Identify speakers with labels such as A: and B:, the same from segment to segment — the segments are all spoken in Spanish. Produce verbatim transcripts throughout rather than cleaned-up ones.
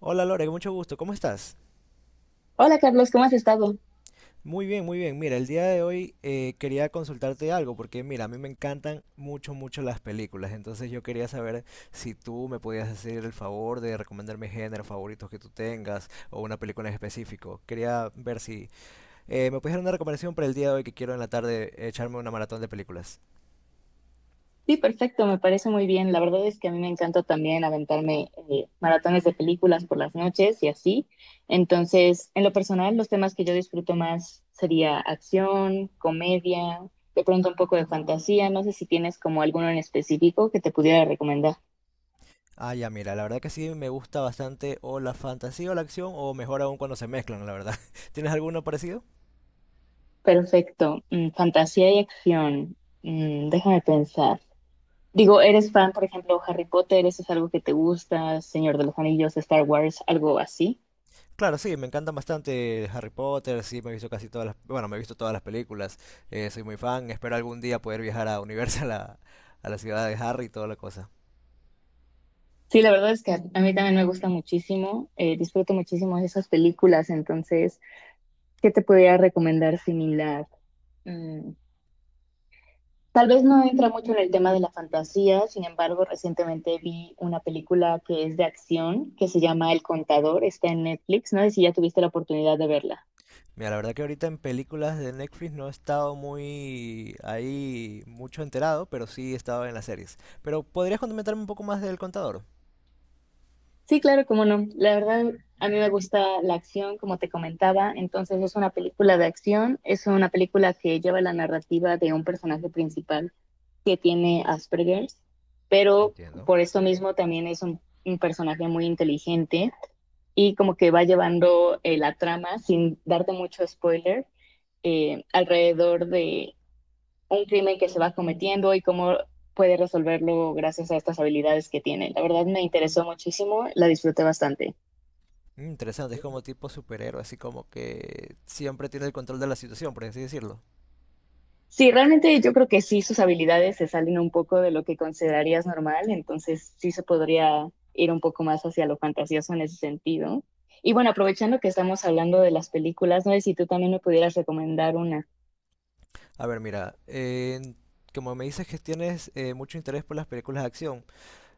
A: Hola Lore, mucho gusto, ¿cómo estás?
B: Hola Carlos, ¿cómo has estado?
A: Muy bien, muy bien. Mira, el día de hoy eh, quería consultarte algo porque mira, a mí me encantan mucho, mucho las películas, entonces yo quería saber si tú me podías hacer el favor de recomendarme géneros favoritos que tú tengas o una película en específico. Quería ver si eh, me puedes dar una recomendación para el día de hoy que quiero en la tarde echarme una maratón de películas.
B: Sí, perfecto, me parece muy bien. La verdad es que a mí me encanta también aventarme eh, maratones de películas por las noches y así. Entonces, en lo personal, los temas que yo disfruto más sería acción, comedia, de pronto un poco de fantasía. No sé si tienes como alguno en específico que te pudiera recomendar.
A: Ah, ya, mira, la verdad que sí me gusta bastante o la fantasía o la acción o mejor aún cuando se mezclan, la verdad. ¿Tienes alguno parecido?
B: Perfecto, mm, fantasía y acción. Mm, déjame pensar. Digo, ¿eres fan, por ejemplo, Harry Potter? ¿Eso es algo que te gusta? Señor de los Anillos, Star Wars, algo así.
A: Claro, sí, me encantan bastante Harry Potter, sí, me he visto casi todas las, bueno, me he visto todas las películas, eh, soy muy fan, espero algún día poder viajar a Universal, a, a la ciudad de Harry y toda la cosa.
B: Sí, la verdad es que a a mí también me gusta muchísimo, eh, disfruto muchísimo de esas películas, entonces, ¿qué te podría recomendar similar? Mm, tal vez no entra mucho en el tema de la fantasía, sin embargo, recientemente vi una película que es de acción, que se llama El Contador, está en Netflix, no sé si ya tuviste la oportunidad de verla.
A: Mira, la verdad que ahorita en películas de Netflix no he estado muy ahí, mucho enterado, pero sí he estado en las series. Pero ¿podrías comentarme un poco más del Contador?
B: Sí, claro, cómo no. La verdad, a mí me gusta la acción, como te comentaba, entonces es una película de acción, es una película que lleva la narrativa de un personaje principal que tiene Asperger's, pero
A: Entiendo.
B: por eso mismo también es un, un personaje muy inteligente y como que va llevando eh, la trama sin darte mucho spoiler eh, alrededor de un crimen que se va cometiendo y cómo puede resolverlo gracias a estas habilidades que tiene. La verdad me interesó muchísimo, la disfruté bastante.
A: Mm, interesante, es como tipo superhéroe, así como que siempre tiene el control de la situación, por así decirlo.
B: Sí, realmente yo creo que sí, sus habilidades se salen un poco de lo que considerarías normal, entonces sí se podría ir un poco más hacia lo fantasioso en ese sentido. Y bueno, aprovechando que estamos hablando de las películas, no sé si tú también me pudieras recomendar una.
A: A ver, mira, eh, como me dices que tienes eh, mucho interés por las películas de acción,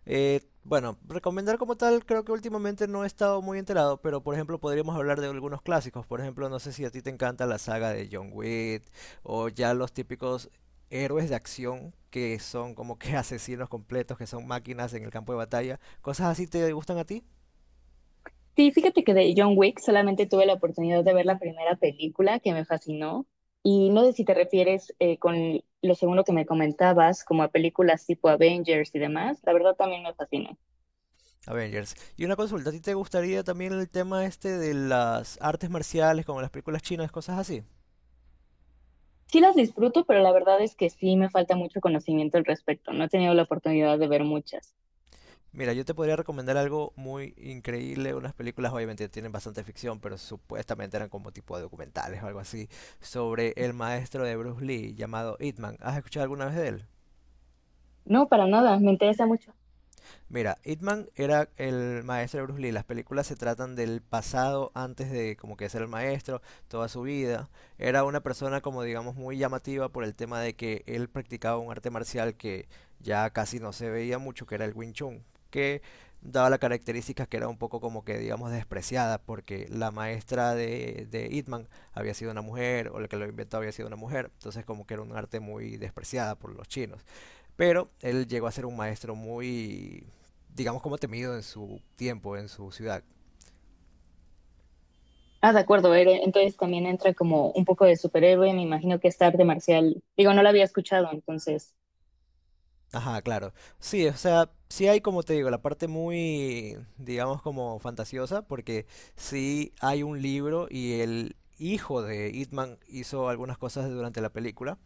A: eh, bueno, recomendar como tal, creo que últimamente no he estado muy enterado, pero por ejemplo podríamos hablar de algunos clásicos. Por ejemplo, no sé si a ti te encanta la saga de John Wick o ya los típicos héroes de acción que son como que asesinos completos, que son máquinas en el campo de batalla. ¿Cosas así te gustan a ti?
B: Sí, fíjate que de John Wick solamente tuve la oportunidad de ver la primera película que me fascinó. Y no sé si te refieres eh, con lo segundo que me comentabas, como a películas tipo Avengers y demás. La verdad también me fascinó.
A: Avengers. Y una consulta, ¿a ti te gustaría también el tema este de las artes marciales, como las películas chinas, cosas así?
B: Sí las disfruto, pero la verdad es que sí me falta mucho conocimiento al respecto. No he tenido la oportunidad de ver muchas.
A: Mira, yo te podría recomendar algo muy increíble, unas películas obviamente tienen bastante ficción, pero supuestamente eran como tipo de documentales o algo así, sobre el maestro de Bruce Lee llamado Ip Man. ¿Has escuchado alguna vez de él?
B: No, para nada, me interesa mucho.
A: Mira, Hitman era el maestro de Bruce Lee. Las películas se tratan del pasado antes de como que ser el maestro, toda su vida. Era una persona como digamos muy llamativa por el tema de que él practicaba un arte marcial que ya casi no se veía mucho, que era el Wing Chun, que daba la característica que era un poco como que digamos despreciada porque la maestra de, de Hitman había sido una mujer o la que lo inventó había sido una mujer. Entonces como que era un arte muy despreciada por los chinos. Pero él llegó a ser un maestro muy, digamos, como temido en su tiempo, en su ciudad.
B: Ah, de acuerdo, Eren. Entonces también entra como un poco de superhéroe, me imagino que es arte marcial. Digo, no la había escuchado, entonces.
A: Ajá, claro. Sí, o sea, sí hay, como te digo, la parte muy, digamos, como fantasiosa, porque sí hay un libro y el hijo de Hitman hizo algunas cosas durante la película.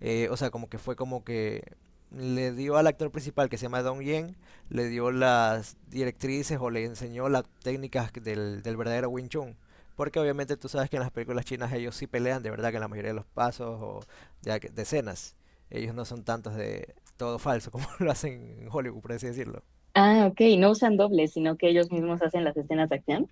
A: Eh, o sea, como que fue como que le dio al actor principal que se llama Dong Yen, le dio las directrices o le enseñó las técnicas que del, del verdadero Wing Chun. Porque obviamente tú sabes que en las películas chinas ellos sí pelean de verdad que en la mayoría de los pasos o de ac- de escenas. Ellos no son tantos de todo falso como lo hacen en Hollywood, por así decirlo.
B: Ah, ok, no usan dobles, sino que ellos mismos hacen las escenas de acción.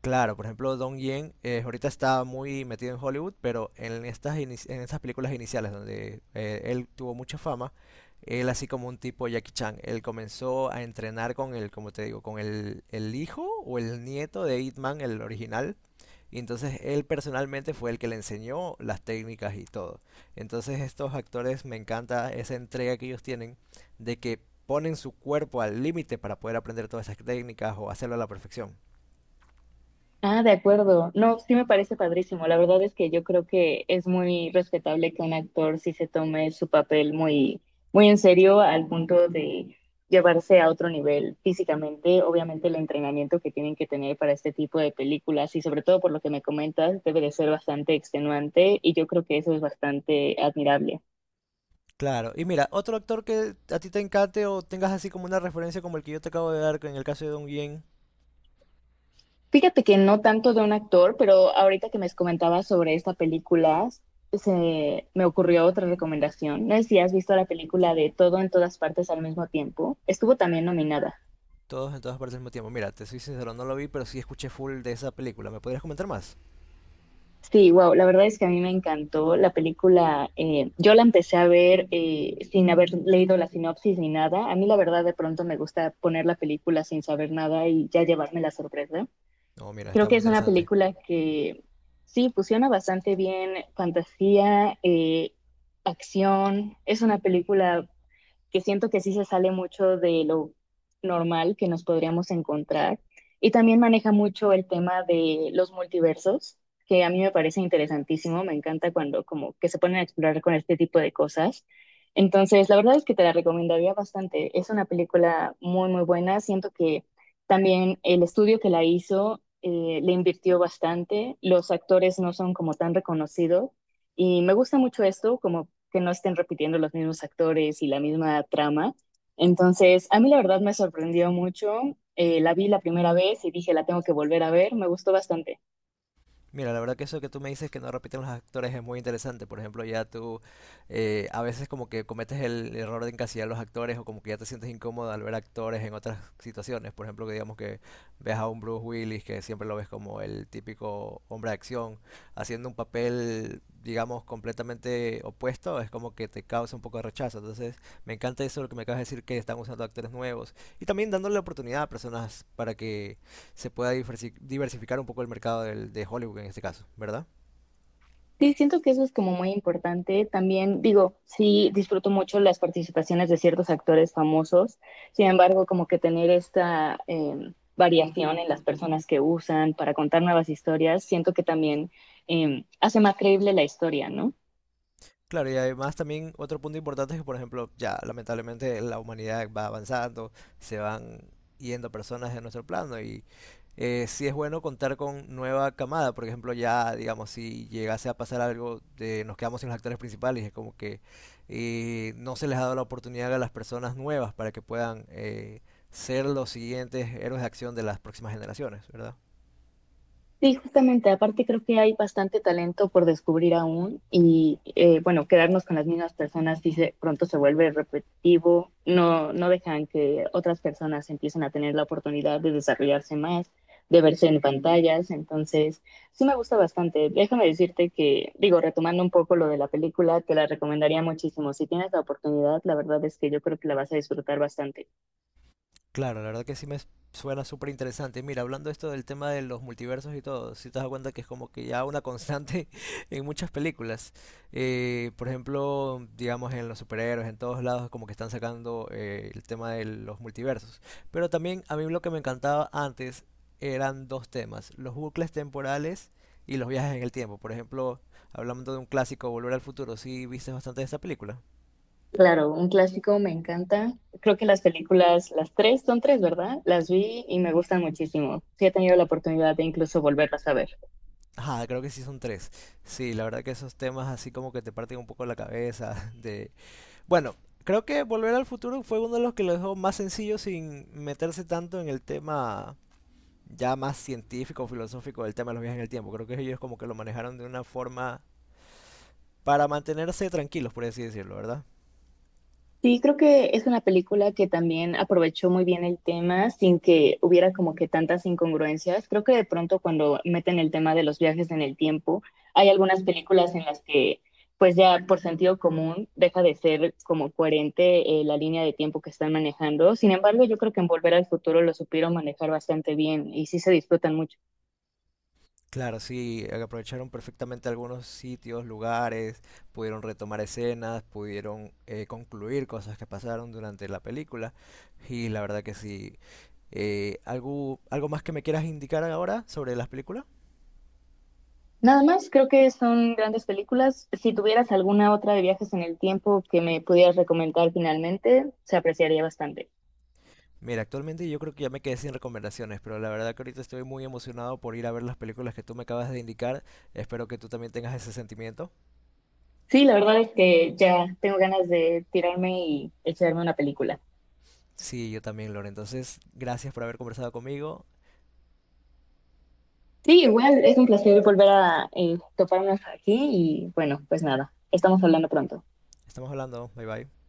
A: Claro, por ejemplo, Dong Yen eh, ahorita está muy metido en Hollywood, pero en estas, inici- en estas películas iniciales donde eh, él tuvo mucha fama, él así como un tipo Jackie Chan, él comenzó a entrenar con el, como te digo, con el, el hijo o el nieto de Ip Man, el original, y entonces él personalmente fue el que le enseñó las técnicas y todo. Entonces estos actores me encanta esa entrega que ellos tienen de que ponen su cuerpo al límite para poder aprender todas esas técnicas o hacerlo a la perfección.
B: Ah, de acuerdo. No, sí me parece padrísimo. La verdad es que yo creo que es muy respetable que un actor sí se tome su papel muy, muy en serio al punto de llevarse a otro nivel físicamente. Obviamente el entrenamiento que tienen que tener para este tipo de películas y sobre todo por lo que me comentas, debe de ser bastante extenuante y yo creo que eso es bastante admirable.
A: Claro, y mira, otro actor que a ti te encante o tengas así como una referencia como el que yo te acabo de dar, que en el caso de Don Yen,
B: Fíjate que no tanto de un actor, pero ahorita que me comentabas sobre esta película, se me ocurrió otra recomendación. No sé si has visto la película de Todo en todas partes al mismo tiempo. Estuvo también nominada.
A: todos en todas partes al mismo tiempo. Mira, te soy sincero, no lo vi, pero sí escuché full de esa película. ¿Me podrías comentar más?
B: Sí, wow, la verdad es que a mí me encantó la película. Eh, yo la empecé a ver eh, sin haber leído la sinopsis ni nada. A mí la verdad de pronto me gusta poner la película sin saber nada y ya llevarme la sorpresa.
A: No, mira, está
B: Creo que
A: muy
B: es una
A: interesante.
B: película que sí fusiona bastante bien fantasía, eh, acción. Es una película que siento que sí se sale mucho de lo normal que nos podríamos encontrar. Y también maneja mucho el tema de los multiversos, que a mí me parece interesantísimo, me encanta cuando como que se ponen a explorar con este tipo de cosas. Entonces, la verdad es que te la recomendaría bastante. Es una película muy, muy buena. Siento que también el estudio que la hizo eh, le invirtió bastante. Los actores no son como tan reconocidos. Y me gusta mucho esto, como que no estén repitiendo los mismos actores y la misma trama. Entonces, a mí la verdad me sorprendió mucho. Eh, la vi la primera vez y dije, la tengo que volver a ver, me gustó bastante.
A: Mira, la verdad que eso que tú me dices que no repiten los actores es muy interesante. Por ejemplo, ya tú eh, a veces como que cometes el error de encasillar a los actores o como que ya te sientes incómodo al ver actores en otras situaciones. Por ejemplo, que digamos que ves a un Bruce Willis que siempre lo ves como el típico hombre de acción haciendo un papel, digamos, completamente opuesto, es como que te causa un poco de rechazo. Entonces, me encanta eso lo que me acabas de decir que están usando actores nuevos y también dándole la oportunidad a personas para que se pueda diversificar un poco el mercado del- de Hollywood en este caso, ¿verdad?
B: Sí, siento que eso es como muy importante. También digo, sí, disfruto mucho las participaciones de ciertos actores famosos. Sin embargo, como que tener esta eh, variación en las personas que usan para contar nuevas historias, siento que también eh, hace más creíble la historia, ¿no?
A: Claro, y además también otro punto importante es que, por ejemplo, ya lamentablemente la humanidad va avanzando, se van yendo personas de nuestro plano y eh, sí es bueno contar con nueva camada, por ejemplo, ya digamos, si llegase a pasar algo de nos quedamos sin los actores principales, es como que eh, no se les ha dado la oportunidad a las personas nuevas para que puedan eh, ser los siguientes héroes de acción de las próximas generaciones, ¿verdad?
B: Sí, justamente, aparte creo que hay bastante talento por descubrir aún y eh, bueno, quedarnos con las mismas personas si se, pronto se vuelve repetitivo, no, no dejan que otras personas empiecen a tener la oportunidad de desarrollarse más, de verse en pantallas, entonces sí me gusta bastante. Déjame decirte que, digo, retomando un poco lo de la película, te la recomendaría muchísimo. Si tienes la oportunidad, la verdad es que yo creo que la vas a disfrutar bastante.
A: Claro, la verdad que sí me suena súper interesante. Mira, hablando esto del tema de los multiversos y todo, si te das cuenta que es como que ya una constante en muchas películas. Eh, por ejemplo, digamos en los superhéroes, en todos lados, como que están sacando eh, el tema de los multiversos. Pero también a mí lo que me encantaba antes eran dos temas, los bucles temporales y los viajes en el tiempo. Por ejemplo, hablando de un clásico, Volver al Futuro, sí viste bastante de esa película.
B: Claro, un clásico me encanta. Creo que las películas, las tres, son tres, ¿verdad? Las vi y me gustan muchísimo. Sí he tenido la oportunidad de incluso volverlas a ver.
A: Ajá, creo que sí son tres. Sí, la verdad que esos temas así como que te parten un poco la cabeza de... Bueno, creo que Volver al Futuro fue uno de los que lo dejó más sencillo sin meterse tanto en el tema ya más científico, filosófico del tema de los viajes en el tiempo. Creo que ellos como que lo manejaron de una forma para mantenerse tranquilos, por así decirlo, ¿verdad?
B: Sí, creo que es una película que también aprovechó muy bien el tema sin que hubiera como que tantas incongruencias. Creo que de pronto cuando meten el tema de los viajes en el tiempo, hay algunas películas en las que pues ya por sentido común deja de ser como coherente eh, la línea de tiempo que están manejando. Sin embargo, yo creo que en Volver al Futuro lo supieron manejar bastante bien y sí se disfrutan mucho.
A: Claro, sí, aprovecharon perfectamente algunos sitios, lugares, pudieron retomar escenas, pudieron eh, concluir cosas que pasaron durante la película. Y la verdad que sí, eh, ¿algo, ¿algo más que me quieras indicar ahora sobre las películas?
B: Nada más, creo que son grandes películas. Si tuvieras alguna otra de viajes en el tiempo que me pudieras recomendar finalmente, se apreciaría bastante.
A: Mira, actualmente yo creo que ya me quedé sin recomendaciones, pero la verdad que ahorita estoy muy emocionado por ir a ver las películas que tú me acabas de indicar. Espero que tú también tengas ese sentimiento.
B: Sí, la verdad es que ya tengo ganas de tirarme y echarme una película.
A: Sí, yo también, Lore. Entonces, gracias por haber conversado conmigo.
B: Sí, igual es un placer volver a eh, toparnos aquí y bueno, pues nada, estamos hablando pronto.
A: Estamos hablando. Bye bye.